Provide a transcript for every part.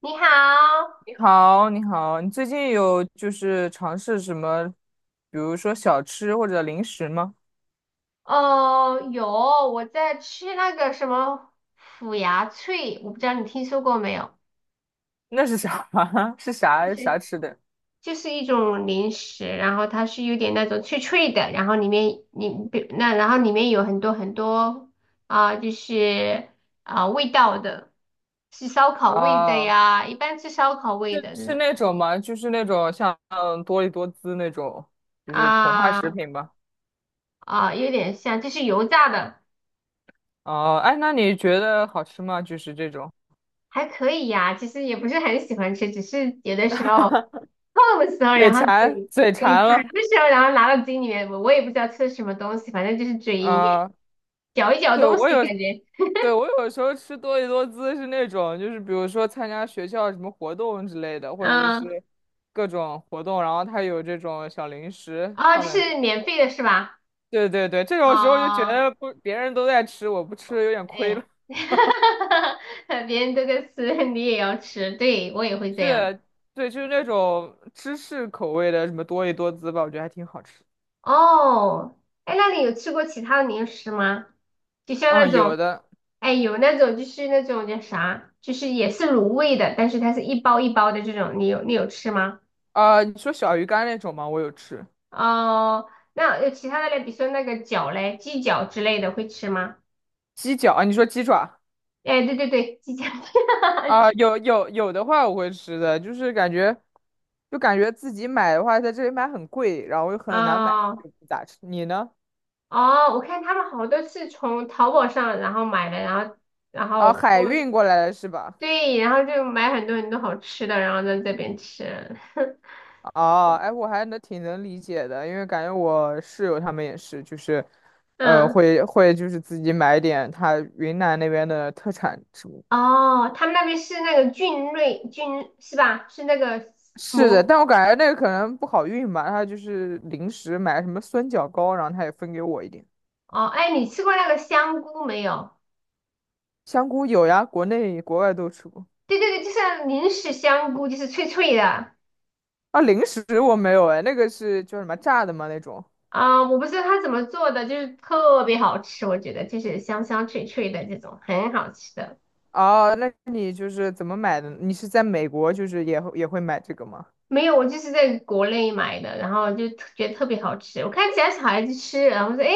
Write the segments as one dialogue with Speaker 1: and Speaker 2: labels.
Speaker 1: 你好，
Speaker 2: 你好，你好，你最近有尝试什么，比如说小吃或者零食吗？
Speaker 1: 哦，有，我在吃那个什么腐牙脆，我不知道你听说过没有，
Speaker 2: 那是啥？是
Speaker 1: 就
Speaker 2: 啥
Speaker 1: 是
Speaker 2: 啥吃的？
Speaker 1: 就是一种零食，然后它是有点那种脆脆的，然后里面你比那然后里面有很多很多就是味道的，是烧烤味的
Speaker 2: 哦，
Speaker 1: 呀，一般吃烧烤味
Speaker 2: 是
Speaker 1: 的这
Speaker 2: 是
Speaker 1: 种
Speaker 2: 那种吗？就是那种像多利多滋那种，就是膨化食
Speaker 1: 啊
Speaker 2: 品吧？
Speaker 1: 有点像就是油炸的，
Speaker 2: 哦，哎，那你觉得好吃吗？就是这种，
Speaker 1: 还可以呀，其实也不是很喜欢吃，只是有的时候，痛的时候，
Speaker 2: 嘴
Speaker 1: 然后
Speaker 2: 馋，
Speaker 1: 嘴
Speaker 2: 嘴
Speaker 1: 嘴
Speaker 2: 馋
Speaker 1: 馋
Speaker 2: 了。
Speaker 1: 的时候，然后拿到嘴里面，我也不知道吃什么东西，反正就是嘴里面
Speaker 2: 啊、
Speaker 1: 嚼一嚼
Speaker 2: 对，
Speaker 1: 东
Speaker 2: 我
Speaker 1: 西，
Speaker 2: 有，
Speaker 1: 感觉，
Speaker 2: 对，我有时候吃多利多滋是那种，就是比如说参加学校什么活动之类的，或者
Speaker 1: 嗯，
Speaker 2: 是各种活动，然后它有这种小零食
Speaker 1: 哦，就
Speaker 2: 放在那。
Speaker 1: 是免费的是吧？
Speaker 2: 对对对，这种时候就觉
Speaker 1: 哦，
Speaker 2: 得不，别人都在吃，我不吃有点
Speaker 1: 哎
Speaker 2: 亏了。
Speaker 1: 呀，别人都在吃，你也要吃，对，我也会这样。
Speaker 2: 是，对，就是那种芝士口味的什么多利多滋吧，我觉得还挺好吃。
Speaker 1: 哦，哎，那你有吃过其他的零食吗？就像
Speaker 2: 嗯，
Speaker 1: 那种，
Speaker 2: 有的。
Speaker 1: 哎，有那种就是那种叫啥，就是也是卤味的，但是它是一包一包的这种，你有吃吗？
Speaker 2: 你说小鱼干那种吗？我有吃。
Speaker 1: 哦，那有其他的嘞，比如说那个饺嘞，鸡脚之类的会吃吗？
Speaker 2: 鸡脚啊，你说鸡爪？
Speaker 1: 哎，对对对，鸡饺。
Speaker 2: 啊，有有的话我会吃的，就是感觉，就感觉自己买的话，在这里买很贵，然后又很难买，
Speaker 1: 哦
Speaker 2: 就不咋吃。你呢？
Speaker 1: 哦，我看他们好多是从淘宝上然后买的，然后然后
Speaker 2: 啊，海
Speaker 1: 托
Speaker 2: 运过来的是吧？
Speaker 1: 对，然后就买很多很多好吃的，然后在这边吃。
Speaker 2: 哦，哎，我还能挺能理解的，因为感觉我室友他们也是，就是，呃，
Speaker 1: 嗯，
Speaker 2: 会会就是自己买点他云南那边的特产什么。
Speaker 1: 哦，他们那边是那个菌类菌是吧？是那个
Speaker 2: 是的，
Speaker 1: 蘑
Speaker 2: 但我感觉那个可能不好运吧，他就是临时买什么酸角糕，然后他也分给我一点。
Speaker 1: 哦，哎，你吃过那个香菇没有？
Speaker 2: 香菇有呀，国内国外都吃过。
Speaker 1: 对对对，就是零食香菇，就是脆脆的。
Speaker 2: 啊，零食我没有哎，那个是叫什么炸的吗？那种？
Speaker 1: 我不知道它怎么做的，就是特别好吃，我觉得就是香香脆脆的这种，很好吃的。
Speaker 2: 哦，那你就是怎么买的？你是在美国，就是也会买这个吗？
Speaker 1: 没有，我就是在国内买的，然后就特觉得特别好吃。我看其他小孩子吃，然后说，哎，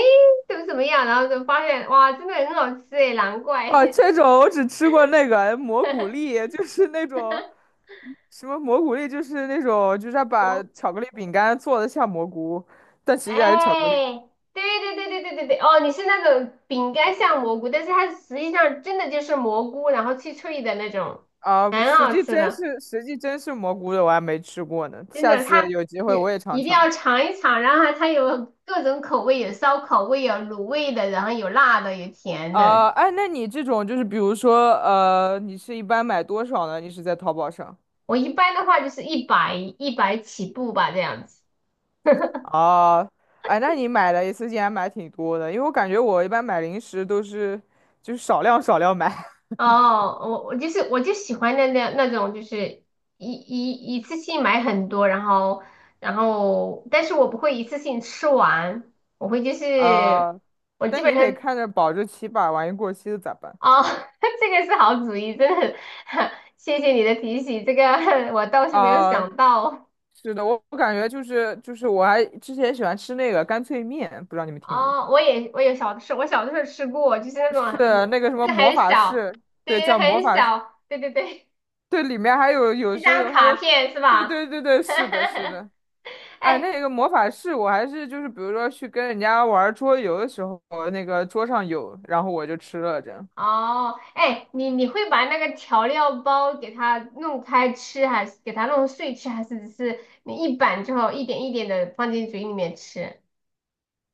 Speaker 1: 怎么怎么样，然后就发现，哇，真的很好吃哎，难怪。
Speaker 2: 哦，这种我只吃过那个蘑菇 粒，就是那种什么蘑菇粒，就是那种就是他把
Speaker 1: 蘑，
Speaker 2: 巧克力饼干做的像蘑菇，但其实还是巧克力
Speaker 1: 哎，对对对对对对对，哦，你是那种饼干像蘑菇，但是它实际上真的就是蘑菇，然后脆脆的那种，
Speaker 2: 啊，
Speaker 1: 很
Speaker 2: 实
Speaker 1: 好
Speaker 2: 际
Speaker 1: 吃
Speaker 2: 真
Speaker 1: 的。
Speaker 2: 是实际真是蘑菇的，我还没吃过呢，
Speaker 1: 真
Speaker 2: 下
Speaker 1: 的，
Speaker 2: 次
Speaker 1: 它
Speaker 2: 有机会我
Speaker 1: 也
Speaker 2: 也尝
Speaker 1: 一定
Speaker 2: 尝。
Speaker 1: 要尝一尝。然后它有各种口味，有烧烤味，有卤味的，然后有辣的，有甜的。
Speaker 2: 啊，哎，那你这种就是比如说你是一般买多少呢？你是在淘宝上？
Speaker 1: 我一般的话就是一百一百起步吧，这样子。
Speaker 2: 哦，哎，那你买了一次竟然买挺多的，因为我感觉我一般买零食都是就是少量买，
Speaker 1: 哦，我就喜欢那种，就是一次性买很多，然后然后，但是我不会一次性吃完，我会就 是
Speaker 2: 呃，
Speaker 1: 我基
Speaker 2: 但
Speaker 1: 本
Speaker 2: 你得
Speaker 1: 上
Speaker 2: 看着保质期吧，万一过期了咋办？
Speaker 1: 哦，这个是好主意，真的很 谢谢你的提醒，这个 我倒是没有
Speaker 2: 啊、
Speaker 1: 想到。
Speaker 2: 是的，我感觉就是我还之前喜欢吃那个干脆面，不知道你们听过？
Speaker 1: 哦，我小的时候吃过，就是那种
Speaker 2: 是
Speaker 1: 我
Speaker 2: 那个什么
Speaker 1: 就是
Speaker 2: 魔
Speaker 1: 很
Speaker 2: 法
Speaker 1: 小，
Speaker 2: 士，
Speaker 1: 对
Speaker 2: 对，
Speaker 1: 对
Speaker 2: 叫魔
Speaker 1: 对，很
Speaker 2: 法士，
Speaker 1: 小，对对对，
Speaker 2: 对，里面还有有
Speaker 1: 一
Speaker 2: 时候
Speaker 1: 张
Speaker 2: 有还
Speaker 1: 卡
Speaker 2: 有，
Speaker 1: 片是
Speaker 2: 对
Speaker 1: 吧？
Speaker 2: 对对对，是的，是 的。哎，
Speaker 1: 哎，
Speaker 2: 那个魔法师，我还是就是比如说去跟人家玩桌游的时候，那个桌上有，然后我就吃了这样
Speaker 1: 哦，哎，你会把那个调料包给它弄开吃，还是给它弄碎吃，还是只是你一板之后一点一点的放进嘴里面吃？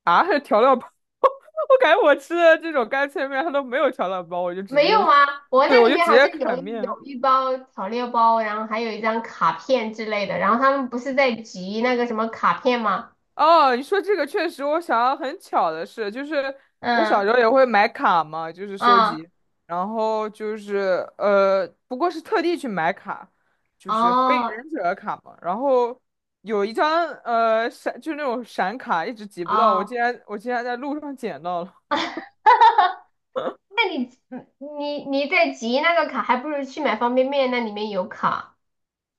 Speaker 2: 啊，调料包，我感觉我吃的这种干脆面它都没有调料包，我就直
Speaker 1: 没
Speaker 2: 接，
Speaker 1: 有啊，我
Speaker 2: 对，
Speaker 1: 那
Speaker 2: 我
Speaker 1: 里
Speaker 2: 就
Speaker 1: 面
Speaker 2: 直
Speaker 1: 好像
Speaker 2: 接
Speaker 1: 有
Speaker 2: 啃
Speaker 1: 一
Speaker 2: 面。
Speaker 1: 有一包调料包，然后还有一张卡片之类的。然后他们不是在集那个什么卡片吗？
Speaker 2: 哦，你说这个确实，我想到很巧的事，就是我小
Speaker 1: 嗯
Speaker 2: 时候也会买卡嘛，就是收
Speaker 1: 啊
Speaker 2: 集，然后就是不过是特地去买卡，就是火影
Speaker 1: 哦
Speaker 2: 忍者卡嘛，然后有一张闪，就那种闪卡，一直集不到，我竟
Speaker 1: 哦，
Speaker 2: 然我竟然在路上捡到了，
Speaker 1: 那你嗯你在集那个卡，还不如去买方便面，那里面有卡，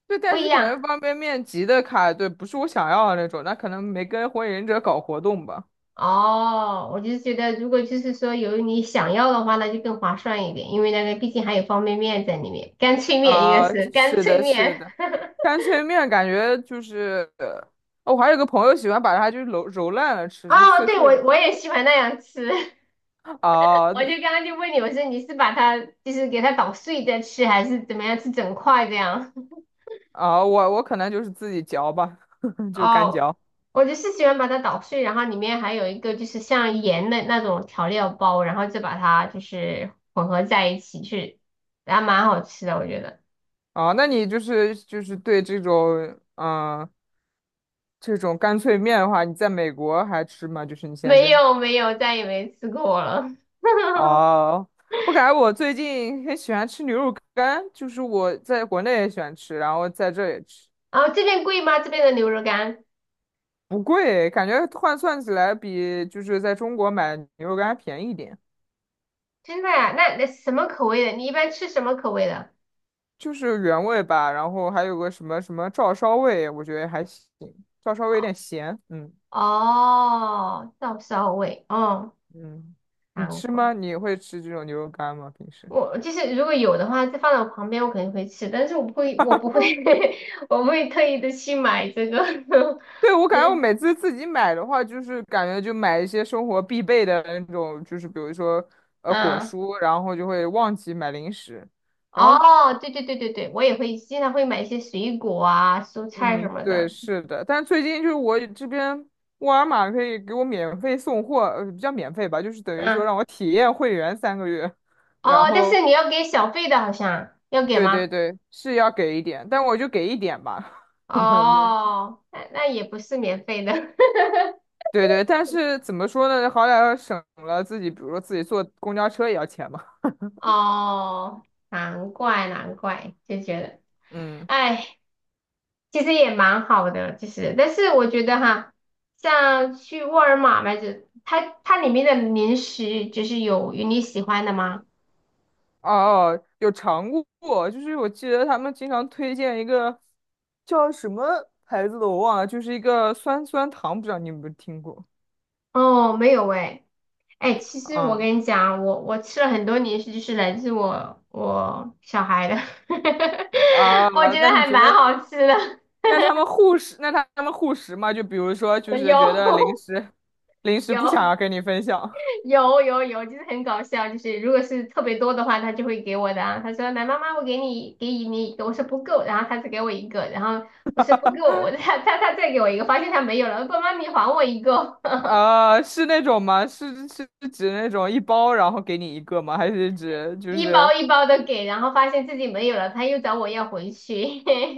Speaker 2: 对，
Speaker 1: 不
Speaker 2: 但
Speaker 1: 一
Speaker 2: 是可
Speaker 1: 样
Speaker 2: 能方便面集的卡，对，不是我想要的那种，那可能没跟火影忍者搞活动吧，
Speaker 1: 哦。我就觉得，如果就是说有你想要的话，那就更划算一点，因为那个毕竟还有方便面在里面，干脆面应该
Speaker 2: 啊，
Speaker 1: 是干
Speaker 2: 是
Speaker 1: 脆
Speaker 2: 的，是
Speaker 1: 面。
Speaker 2: 的。干脆面感觉就是，哦我还有个朋友喜欢把它就是揉烂了 吃，就是
Speaker 1: 哦，
Speaker 2: 碎
Speaker 1: 对，
Speaker 2: 碎
Speaker 1: 我
Speaker 2: 的。
Speaker 1: 我也喜欢那样吃。
Speaker 2: 啊
Speaker 1: 我就刚刚就问你，我说你是把它就是给它捣碎再吃，还是怎么样吃整块这样？
Speaker 2: 啊，哦我可能就是自己嚼吧，就是干
Speaker 1: 哦，
Speaker 2: 嚼。
Speaker 1: 我就是喜欢把它捣碎，然后里面还有一个就是像盐的那种调料包，然后再把它就是混合在一起去，然后蛮好吃的，我觉得。
Speaker 2: 啊，那你就是对这种嗯、呃这种干脆面的话，你在美国还吃吗？就是你现
Speaker 1: 没
Speaker 2: 在？
Speaker 1: 有没有，再也没吃过了。
Speaker 2: 哦，我感觉我最近很喜欢吃牛肉干，就是我在国内也喜欢吃，然后在这也吃，
Speaker 1: 然后这边贵吗？这边的牛肉干？
Speaker 2: 不贵，感觉换算起来比就是在中国买牛肉干还便宜一点。
Speaker 1: 真的呀？那那什么口味的？你一般吃什么口味的？
Speaker 2: 就是原味吧，然后还有个什么什么照烧味，我觉得还行，照烧味有
Speaker 1: 哦，
Speaker 2: 点咸，嗯
Speaker 1: 哦，照烧味，哦，
Speaker 2: 嗯，你
Speaker 1: 韩
Speaker 2: 吃
Speaker 1: 国。
Speaker 2: 吗？你会吃这种牛肉干吗？平时？
Speaker 1: 我就是如果有的话，就放到我旁边，我肯定会吃，但是我不会，我不会，我不会特意的去买这个。
Speaker 2: 对，我 感觉我
Speaker 1: 对，
Speaker 2: 每次自己买的话，就是感觉就买一些生活必备的那种，就是比如说果
Speaker 1: 嗯，
Speaker 2: 蔬，然后就会忘记买零食，然后
Speaker 1: 哦，对对对对对，我也会经常会买一些水果啊、蔬菜什
Speaker 2: 嗯
Speaker 1: 么
Speaker 2: 对
Speaker 1: 的。
Speaker 2: 是的，但是最近就是我这边沃尔玛可以给我免费送货，呃不叫免费吧，就是等于说
Speaker 1: 嗯，
Speaker 2: 让我体验会员3个月。
Speaker 1: 哦，
Speaker 2: 然
Speaker 1: 但
Speaker 2: 后
Speaker 1: 是你要给小费的，好像要给
Speaker 2: 对
Speaker 1: 吗？
Speaker 2: 对对，是要给一点，但我就给一点吧。对，
Speaker 1: 哦，那那也不是免费的。
Speaker 2: 对对，但是怎么说呢？好歹要省了自己，比如说自己坐公交车也要钱嘛。
Speaker 1: 哦，难怪难怪，就觉得，
Speaker 2: 嗯，
Speaker 1: 哎。其实也蛮好的，其实，但是我觉得哈，像去沃尔玛买这，它里面的零食就是有你喜欢的吗？
Speaker 2: 哦哦，有尝过，就是我记得他们经常推荐一个叫什么牌子的，我忘了，就是一个酸酸糖，不知道你有没有听过？
Speaker 1: 哦，没有诶，哎，其实我
Speaker 2: 嗯，
Speaker 1: 跟你讲，我吃了很多零食，就是来自我小孩的，
Speaker 2: 啊，
Speaker 1: 我觉得
Speaker 2: 那你
Speaker 1: 还
Speaker 2: 觉
Speaker 1: 蛮
Speaker 2: 得，
Speaker 1: 好吃的，
Speaker 2: 那他们护食，那他们护食嘛？就比如说，就是觉得零
Speaker 1: 有
Speaker 2: 食，零 食不想
Speaker 1: 有，
Speaker 2: 要跟你分享。
Speaker 1: 有有有，就是很搞笑，就是如果是特别多的话，他就会给我的啊。他说：“来，妈妈，我给你一个”。我说：“不够。”然后他只给我一个，然后我说：“不够。”我 他再给我一个，发现他没有了，爸妈你还我一个，
Speaker 2: 啊，是那种吗？是是指那种一包然后给你一个吗？还是 指就
Speaker 1: 一
Speaker 2: 是
Speaker 1: 包一包的给，然后发现自己没有了，他又找我要回去。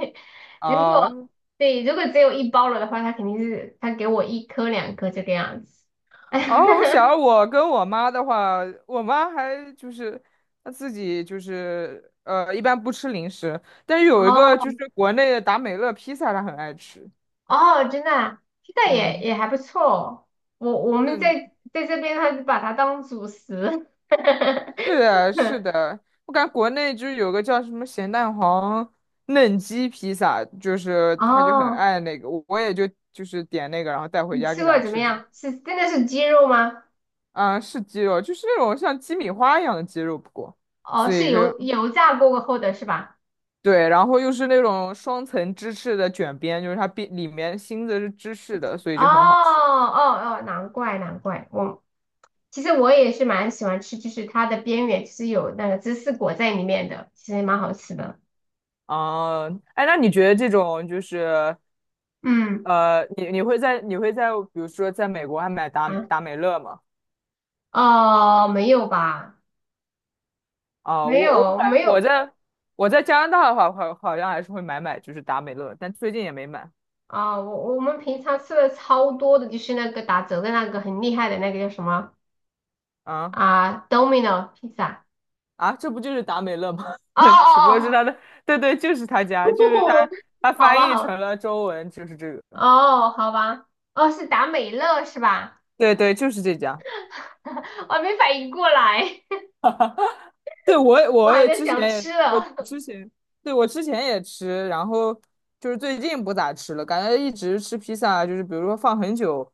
Speaker 1: 如
Speaker 2: 啊？
Speaker 1: 果对，如果只有一包了的话，他肯定是他给我一颗两颗这个样子。
Speaker 2: 哦，我想我跟我妈的话，我妈还就是她自己就是一般不吃零食，但是有一个就
Speaker 1: 哦，
Speaker 2: 是国内的达美乐披萨，她很爱吃。
Speaker 1: 哦，真的啊，现在也
Speaker 2: 嗯，
Speaker 1: 也还不错哦。我我们在
Speaker 2: 是
Speaker 1: 在这边，还是把它当主食。
Speaker 2: 是的，是的，我感觉国内就是有个叫什么咸蛋黄嫩鸡披萨，就是她就很
Speaker 1: 哦，
Speaker 2: 爱那个，我也就是点那个，然后带回
Speaker 1: 你
Speaker 2: 家
Speaker 1: 吃
Speaker 2: 给
Speaker 1: 过
Speaker 2: 她
Speaker 1: 怎么
Speaker 2: 吃着。
Speaker 1: 样？是真的是鸡肉吗？
Speaker 2: 啊，是鸡肉，就是那种像鸡米花一样的鸡肉，不过
Speaker 1: 哦，
Speaker 2: 是
Speaker 1: 是
Speaker 2: 一个
Speaker 1: 油油炸过后的是吧？
Speaker 2: 对，然后又是那种双层芝士的卷边，就是它边里面芯子是芝士的，所以
Speaker 1: 哦
Speaker 2: 就很好吃。
Speaker 1: 哦哦，难怪难怪。我其实我也是蛮喜欢吃，就是它的边缘是有那个芝士裹在里面的，其实也蛮好吃的。
Speaker 2: 啊、哎，那你觉得这种就是
Speaker 1: 嗯
Speaker 2: 你会在比如说在美国还买达
Speaker 1: 啊，
Speaker 2: 达美乐吗？
Speaker 1: 哦，没有吧？
Speaker 2: 啊、
Speaker 1: 没
Speaker 2: 我我
Speaker 1: 有
Speaker 2: 感
Speaker 1: 没
Speaker 2: 我
Speaker 1: 有。
Speaker 2: 在我在加拿大的话，好像还是会买就是达美乐，但最近也没买
Speaker 1: 啊，我我们平常吃的超多的就是那个打折的那个很厉害的那个叫什么
Speaker 2: 啊。
Speaker 1: 啊？Domino pizza。
Speaker 2: 啊，这不就是达美乐吗？
Speaker 1: 哦
Speaker 2: 只不过是
Speaker 1: 哦
Speaker 2: 他的，对对，就是他家，就是他，
Speaker 1: 哦，
Speaker 2: 他
Speaker 1: 好
Speaker 2: 翻
Speaker 1: 吧
Speaker 2: 译成
Speaker 1: 好，
Speaker 2: 了中文，就是这个，
Speaker 1: 哦好吧，哦是达美乐是吧？
Speaker 2: 对对，就是这家。
Speaker 1: 我还没反应过来，
Speaker 2: 对，我
Speaker 1: 我还
Speaker 2: 我
Speaker 1: 在
Speaker 2: 之
Speaker 1: 想
Speaker 2: 前
Speaker 1: 吃
Speaker 2: 我
Speaker 1: 了
Speaker 2: 之前对我之前也吃，然后就是最近不咋吃了，感觉一直吃披萨啊，就是比如说放很久，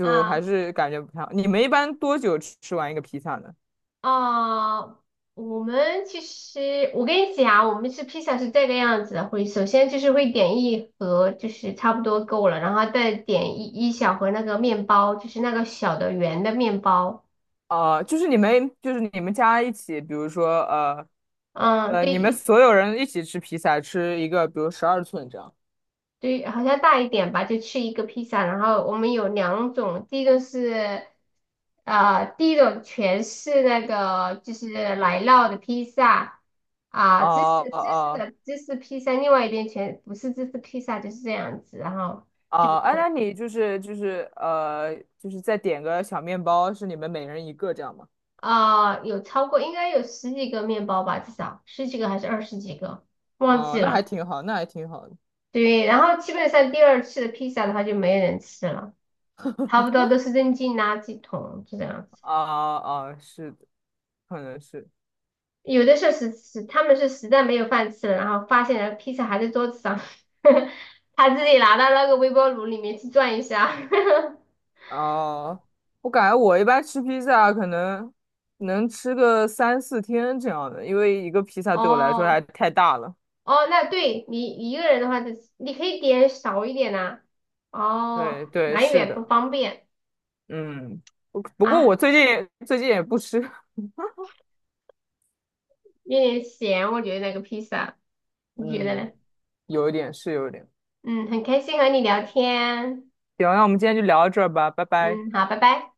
Speaker 2: 还
Speaker 1: 啊。
Speaker 2: 是感觉不太好。你们一般多久吃完一个披萨呢？
Speaker 1: 啊、我们其实，我跟你讲，我们吃披萨是这个样子的，会首先就是会点一盒，就是差不多够了，然后再点一小盒那个面包，就是那个小的圆的面包。
Speaker 2: 就是你们家一起，比如说
Speaker 1: 嗯，
Speaker 2: 你们
Speaker 1: 对，
Speaker 2: 所有人一起吃披萨，吃一个，比如12寸这样。
Speaker 1: 对，好像大一点吧，就吃一个披萨。然后我们有两种，第一个是，第一种全是那个就是奶酪的披萨啊，
Speaker 2: 哦哦
Speaker 1: 芝士披萨，另外一边全不是芝士披萨，就是这样子。然后就
Speaker 2: 哦，哎，那你就是就是再点个小面包，是你们每人一个这样吗？
Speaker 1: 有超过应该有十几个面包吧，至少十几个还是二十几个，忘
Speaker 2: 哦，
Speaker 1: 记
Speaker 2: 那还
Speaker 1: 了。
Speaker 2: 挺好，那还挺好的。
Speaker 1: 对，然后基本上第二次的披萨的话就没人吃了，差不多都是扔进垃圾桶，就这样。
Speaker 2: 啊啊，是的，可能是。
Speaker 1: 有的是他们是实在没有饭吃了，然后发现了披萨还在桌子上，他自己拿到那个微波炉里面去转一下。
Speaker 2: 哦，我感觉我一般吃披萨可能能吃个三四天这样的，因为一个披萨对我来说还
Speaker 1: 哦
Speaker 2: 太大了。
Speaker 1: 哦，那对你一个人的话，就你可以点少一点呐、哦，
Speaker 2: 对对，
Speaker 1: 蛮
Speaker 2: 是
Speaker 1: 远不
Speaker 2: 的，
Speaker 1: 方便
Speaker 2: 嗯。不过我
Speaker 1: 啊，
Speaker 2: 最近也不吃，
Speaker 1: 有点咸，我觉得那个披萨，你觉得
Speaker 2: 嗯，
Speaker 1: 呢？
Speaker 2: 有一点是有一点。
Speaker 1: 嗯，很开心和你聊天。
Speaker 2: 行，那我们今天就聊到这儿吧，拜拜。
Speaker 1: 嗯，好，拜拜。